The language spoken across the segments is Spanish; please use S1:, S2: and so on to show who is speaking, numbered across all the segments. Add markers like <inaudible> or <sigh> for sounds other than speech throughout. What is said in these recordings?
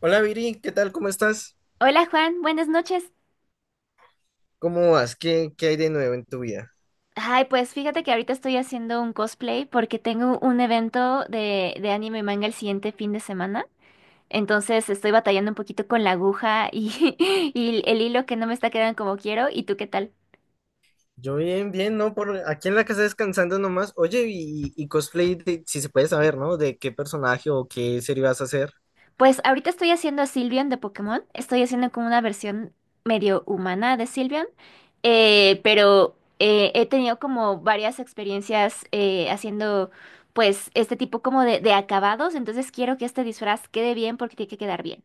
S1: Hola Viri, ¿qué tal? ¿Cómo estás?
S2: Hola Juan, buenas noches.
S1: ¿Cómo vas? ¿¿Qué hay de nuevo en tu vida?
S2: Ay, pues fíjate que ahorita estoy haciendo un cosplay porque tengo un evento de anime y manga el siguiente fin de semana. Entonces estoy batallando un poquito con la aguja y, <laughs> y el hilo que no me está quedando como quiero. ¿Y tú qué tal?
S1: Yo bien, bien, ¿no? Por aquí en la casa descansando nomás. Oye, y cosplay, si se puede saber, ¿no? ¿De qué personaje o qué serie vas a hacer?
S2: Pues ahorita estoy haciendo a Sylveon de Pokémon. Estoy haciendo como una versión medio humana de Sylveon. Pero he tenido como varias experiencias haciendo pues este tipo como de acabados. Entonces quiero que este disfraz quede bien porque tiene que quedar bien.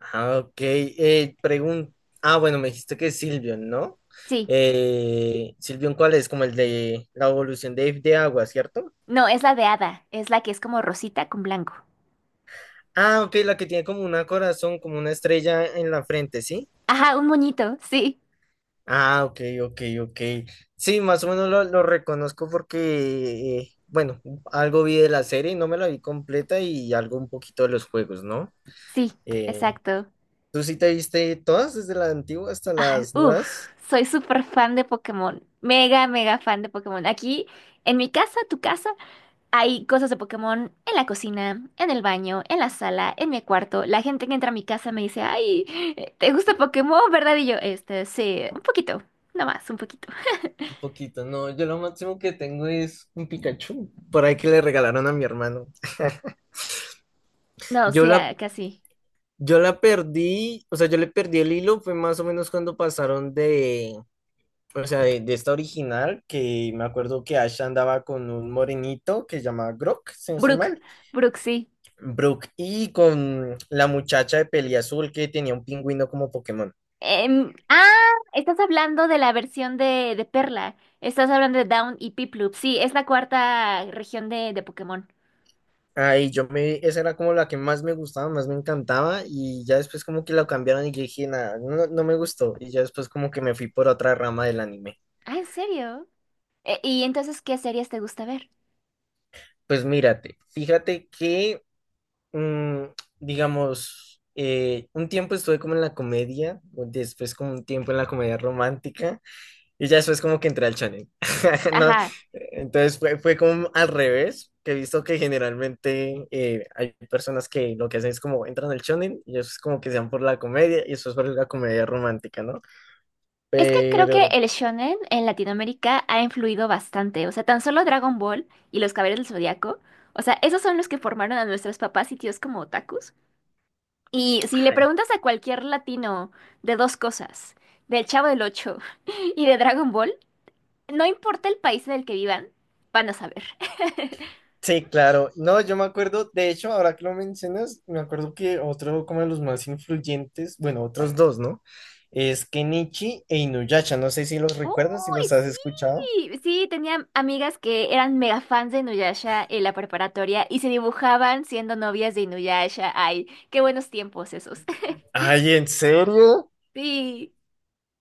S1: Ah, ok. Ah, bueno, me dijiste que es Silvion, ¿no?
S2: Sí.
S1: Silvion, ¿cuál es? Como el de la evolución de agua, ¿cierto?
S2: No, es la de hada. Es la que es como rosita con blanco.
S1: Ah, ok, la que tiene como una corazón, como una estrella en la frente, ¿sí?
S2: Ajá, un moñito. Sí.
S1: Ah, ok, ok, ok. Sí, más o menos lo reconozco porque, bueno, algo vi de la serie, no me la vi completa y algo un poquito de los juegos, ¿no?
S2: Sí.
S1: Eh,
S2: Exacto.
S1: ¿Tú sí te viste todas, desde la antigua hasta
S2: Ah,
S1: las
S2: uf,
S1: nuevas?
S2: soy súper fan de Pokémon. Mega, mega fan de Pokémon. Aquí, en mi casa, tu casa. Hay cosas de Pokémon en la cocina, en el baño, en la sala, en mi cuarto. La gente que entra a mi casa me dice, ay, ¿te gusta Pokémon, verdad? Y yo, este, sí, un poquito, nada más, un poquito.
S1: Un poquito, no, yo lo máximo que tengo es un Pikachu, por ahí que le regalaron a mi hermano. <laughs>
S2: No,
S1: Yo
S2: sí,
S1: la,
S2: ah, casi.
S1: yo la perdí, o sea, yo le perdí el hilo, fue más o menos cuando pasaron de. O sea, de esta original, que me acuerdo que Ash andaba con un morenito que se llama Grok, si no estoy
S2: Brooke,
S1: mal.
S2: Brooke, sí.
S1: Brook, y con la muchacha de peli azul que tenía un pingüino como Pokémon.
S2: Ah, estás hablando de la versión de Perla. Estás hablando de Down y Piplup. Sí, es la cuarta región de Pokémon.
S1: Esa era como la que más me gustaba, más me encantaba, y ya después como que la cambiaron y yo dije, nada, no, no me gustó, y ya después como que me fui por otra rama del anime.
S2: Ah, ¿en serio? ¿Y entonces qué series te gusta ver?
S1: Pues mírate, mm, digamos, un tiempo estuve como en la comedia, después como un tiempo en la comedia romántica, y ya después como que entré al channel. <laughs> No,
S2: Ajá.
S1: entonces fue, fue como al revés, que he visto que generalmente hay personas que lo que hacen es como entran al channel y eso es como que se van por la comedia y eso es por la comedia romántica, ¿no?
S2: Es que creo que
S1: Pero,
S2: el shonen en Latinoamérica ha influido bastante. O sea, tan solo Dragon Ball y los Caballeros del Zodiaco. O sea, esos son los que formaron a nuestros papás y tíos como otakus. Y si le
S1: ay,
S2: preguntas a cualquier latino de dos cosas, del Chavo del Ocho <laughs> y de Dragon Ball, no importa el país en el que vivan, van a saber. <laughs>
S1: sí, claro. No, yo me acuerdo, de hecho, ahora que lo mencionas, me acuerdo que otro como de los más influyentes, bueno, otros dos, ¿no? Es Kenichi e Inuyasha. No sé si los recuerdas, si
S2: Uy,
S1: los has escuchado.
S2: sí, sí, tenía amigas que eran mega fans de Inuyasha en la preparatoria y se dibujaban siendo novias de Inuyasha. Ay, qué buenos tiempos esos.
S1: Ay, ¿en serio?
S2: Sí,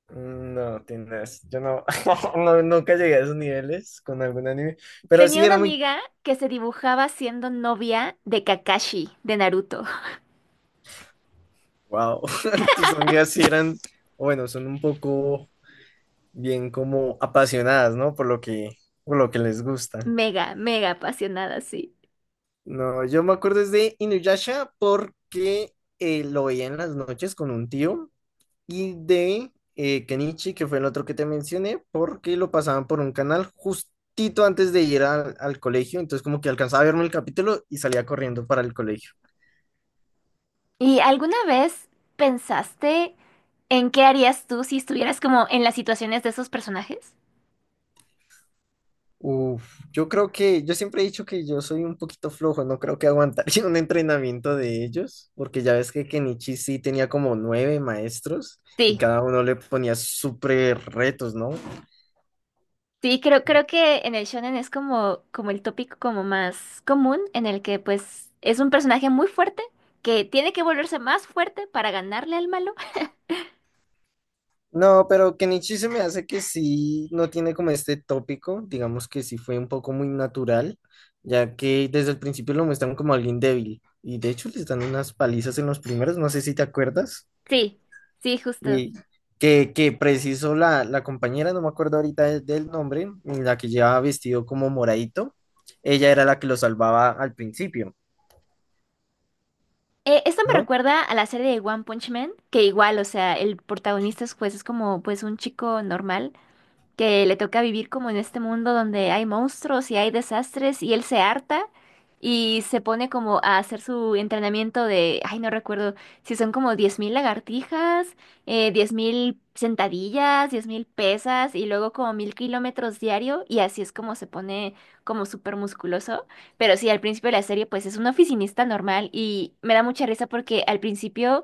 S1: No, tienes, yo no, <laughs> nunca llegué a esos niveles con algún anime, pero
S2: tenía
S1: sí
S2: una
S1: era muy,
S2: amiga que se dibujaba siendo novia de Kakashi, de Naruto. <laughs>
S1: wow, <laughs> tus amigas sí eran, o bueno, son un poco bien como apasionadas, ¿no? Por lo que les gusta.
S2: Mega, mega apasionada, sí.
S1: No, yo me acuerdo es de Inuyasha porque lo veía en las noches con un tío y de Kenichi, que fue el otro que te mencioné, porque lo pasaban por un canal justito antes de ir al colegio, entonces como que alcanzaba a verme el capítulo y salía corriendo para el colegio.
S2: ¿Y alguna vez pensaste en qué harías tú si estuvieras como en las situaciones de esos personajes?
S1: Uf, yo creo que, yo siempre he dicho que yo soy un poquito flojo, no creo que aguantaría <laughs> un entrenamiento de ellos, porque ya ves que Kenichi sí tenía como nueve maestros y
S2: Sí,
S1: cada uno le ponía súper retos, ¿no?
S2: sí, creo que en el shonen es como el tópico como más común, en el que pues es un personaje muy fuerte que tiene que volverse más fuerte para ganarle al malo. <laughs>
S1: No, pero Kenichi se me hace que sí, no tiene como este tópico, digamos que sí fue un poco muy natural, ya que desde el principio lo muestran como alguien débil, y de hecho les dan unas palizas en los primeros, no sé si te acuerdas,
S2: Sí, sí, justo.
S1: y que preciso la compañera, no me acuerdo ahorita del nombre, la que llevaba vestido como moradito, ella era la que lo salvaba al principio,
S2: Esto me
S1: ¿no?
S2: recuerda a la serie de One Punch Man, que igual, o sea, el protagonista es, pues es como pues un chico normal que le toca vivir como en este mundo donde hay monstruos y hay desastres y él se harta y se pone como a hacer su entrenamiento de, ay, no recuerdo si son como 10,000 lagartijas, 10,000 sentadillas, 10,000 pesas y luego como 1,000 kilómetros diario y así es como se pone como súper musculoso. Pero sí, al principio de la serie pues es un oficinista normal y me da mucha risa porque al principio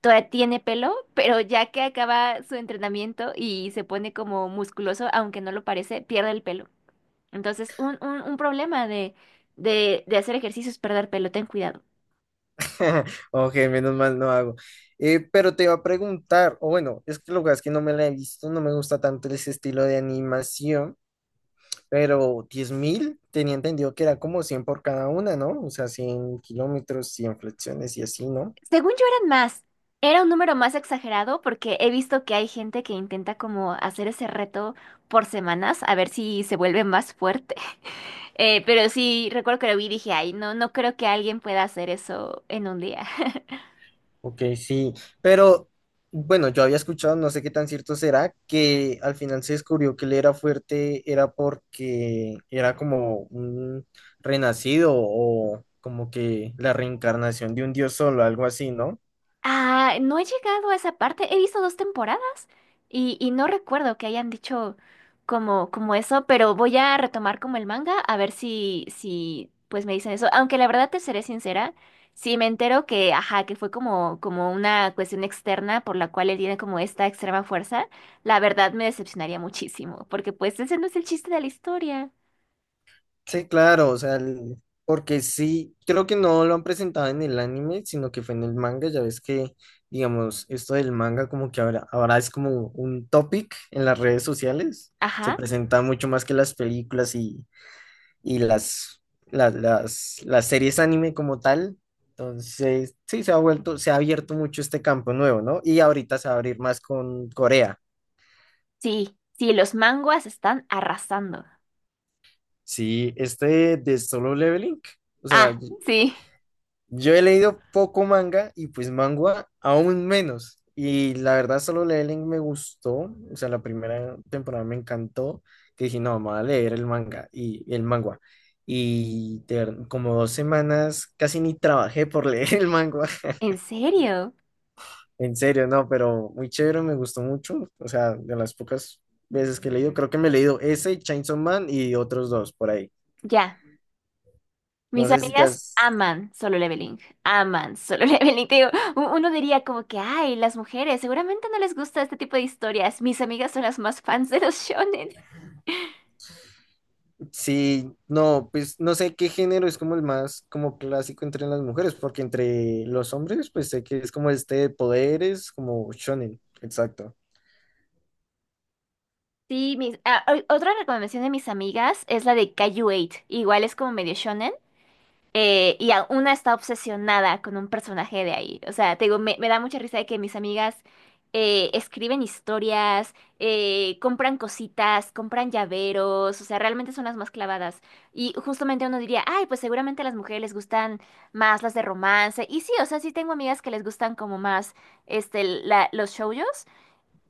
S2: todavía tiene pelo, pero ya que acaba su entrenamiento y se pone como musculoso, aunque no lo parece, pierde el pelo. Entonces, un problema de hacer ejercicio es perder pelo, ten cuidado.
S1: <laughs> Ok, menos mal no hago. Pero te iba a preguntar, o bueno, es que lo que pasa es que no me la he visto, no me gusta tanto ese estilo de animación, pero 10.000 tenía entendido que era como 100 por cada una, ¿no? O sea, 100 kilómetros, 100 flexiones y así, ¿no?
S2: Según yo eran más, era un número más exagerado porque he visto que hay gente que intenta como hacer ese reto por semanas a ver si se vuelve más fuerte. <laughs> Pero sí, recuerdo que lo vi y dije, ay, no, no creo que alguien pueda hacer eso en un día.
S1: Ok, sí, pero bueno, yo había escuchado, no sé qué tan cierto será, que al final se descubrió que él era fuerte, era porque era como un renacido o como que la reencarnación de un dios solo, algo así, ¿no?
S2: Ah, no he llegado a esa parte. He visto dos temporadas y no recuerdo que hayan dicho como eso, pero voy a retomar como el manga a ver si pues me dicen eso. Aunque la verdad te seré sincera, si me entero que, ajá, que fue como, como una cuestión externa por la cual él tiene como esta extrema fuerza, la verdad me decepcionaría muchísimo, porque pues ese no es el chiste de la historia.
S1: Sí, claro, o sea, porque sí, creo que no lo han presentado en el anime, sino que fue en el manga, ya ves que, digamos, esto del manga como que ahora, ahora es como un topic en las redes sociales, se
S2: Ajá,
S1: presenta mucho más que las películas y las series anime como tal. Entonces, sí, se ha vuelto, se ha abierto mucho este campo nuevo, ¿no? Y ahorita se va a abrir más con Corea.
S2: sí, sí, los manguas están arrasando.
S1: Sí, este de Solo Leveling. O sea,
S2: Ah, sí,
S1: yo he leído poco manga y pues manga aún menos. Y la verdad, Solo Leveling me gustó. O sea, la primera temporada me encantó. Que dije, no, vamos a leer el manga. Y como dos semanas casi ni trabajé por <laughs> leer el manga.
S2: ¿en serio?
S1: En serio, no, pero muy chévere, me gustó mucho. O sea, de las pocas veces que he leído, creo que me he leído ese, Chainsaw Man y otros dos por ahí.
S2: Ya.
S1: No
S2: Mis
S1: sé si te has...
S2: amigas aman Solo Leveling, aman Solo <laughs> Leveling. Te digo, uno diría como que, ay, las mujeres seguramente no les gusta este tipo de historias. Mis amigas son las más <laughs> fans de los shonen.
S1: Sí, no, pues no sé qué género es como el más como clásico entre las mujeres, porque entre los hombres, pues sé que es como este de poderes, como shonen, exacto.
S2: Sí, otra recomendación de mis amigas es la de Kaiju 8. Igual es como medio shonen. Y una está obsesionada con un personaje de ahí. O sea, te digo, me da mucha risa de que mis amigas escriben historias, compran cositas, compran llaveros, o sea, realmente son las más clavadas. Y justamente uno diría, ay, pues seguramente a las mujeres les gustan más las de romance. Y sí, o sea, sí tengo amigas que les gustan como más este, los shoujos,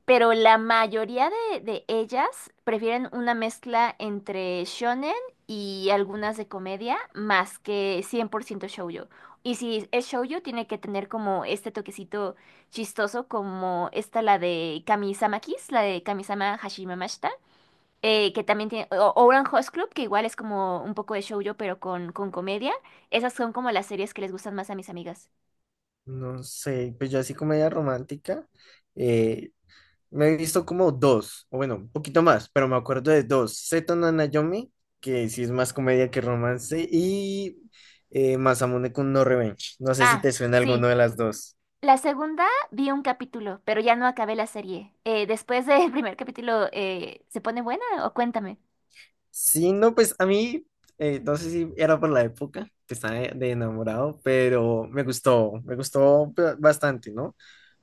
S2: pero la mayoría de ellas prefieren una mezcla entre shonen y algunas de comedia más que 100% shoujo. Y si es shoujo, tiene que tener como este toquecito chistoso, como esta, la de Kamisama Kiss, la de Kamisama Hashimamashita, que también tiene, o Orange Host Club, que igual es como un poco de shoujo, pero con comedia. Esas son como las series que les gustan más a mis amigas.
S1: No sé, pues yo así comedia romántica, eh, me he visto como dos, o bueno, un poquito más, pero me acuerdo de dos, Seto no Nayomi, que sí es más comedia que romance, y Masamune Kun no Revenge, no sé si te
S2: Ah,
S1: suena
S2: sí.
S1: alguno de las dos.
S2: La segunda vi un capítulo, pero ya no acabé la serie. Después del <laughs> primer capítulo, ¿se pone buena o cuéntame?
S1: Sí, no, pues a mí, no sé si era por la época que estaba de enamorado, pero me gustó bastante, ¿no?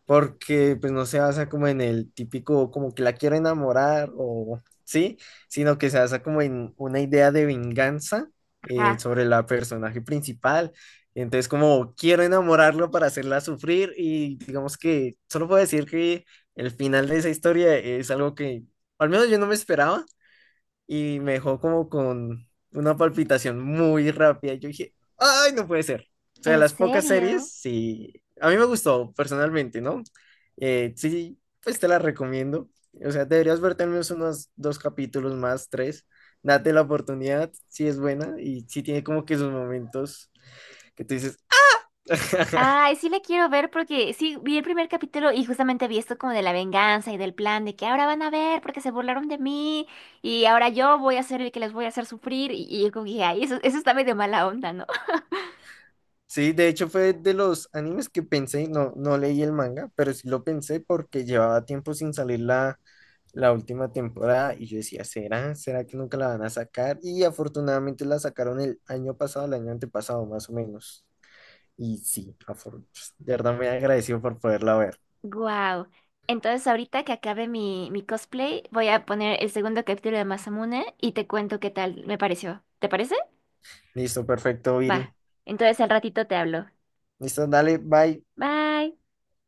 S1: Porque pues no se basa como en el típico, como que la quiero enamorar o sí, sino que se basa como en una idea de venganza
S2: Ajá.
S1: sobre la personaje principal. Entonces, como quiero enamorarlo para hacerla sufrir y digamos que solo puedo decir que el final de esa historia es algo que al menos yo no me esperaba y me dejó como con una palpitación muy rápida. Yo dije, ay, no puede ser. O sea,
S2: ¿En
S1: las pocas
S2: serio?
S1: series, sí, a mí me gustó personalmente, ¿no? Sí, pues te la recomiendo. O sea, deberías verte al menos unos dos capítulos más, tres. Date la oportunidad, si es buena y si tiene como que sus momentos que tú dices. <laughs>
S2: Ay, sí la quiero ver porque sí, vi el primer capítulo y justamente vi esto como de la venganza y del plan de que ahora van a ver porque se burlaron de mí y ahora yo voy a ser el que les voy a hacer sufrir y yo como que dije, ay, eso está medio mala onda, ¿no? <laughs>
S1: Sí, de hecho fue de los animes que pensé, no, no leí el manga, pero sí lo pensé porque llevaba tiempo sin salir la última temporada y yo decía, ¿será? ¿Será que nunca la van a sacar? Y afortunadamente la sacaron el año pasado, el año antepasado más o menos. Y sí, de verdad me agradecido por poderla ver.
S2: Wow. Entonces ahorita que acabe mi cosplay, voy a poner el segundo capítulo de Masamune y te cuento qué tal me pareció. ¿Te parece?
S1: Listo, perfecto,
S2: Va,
S1: Viri.
S2: entonces al ratito te hablo.
S1: Listo, dale, bye.
S2: Bye.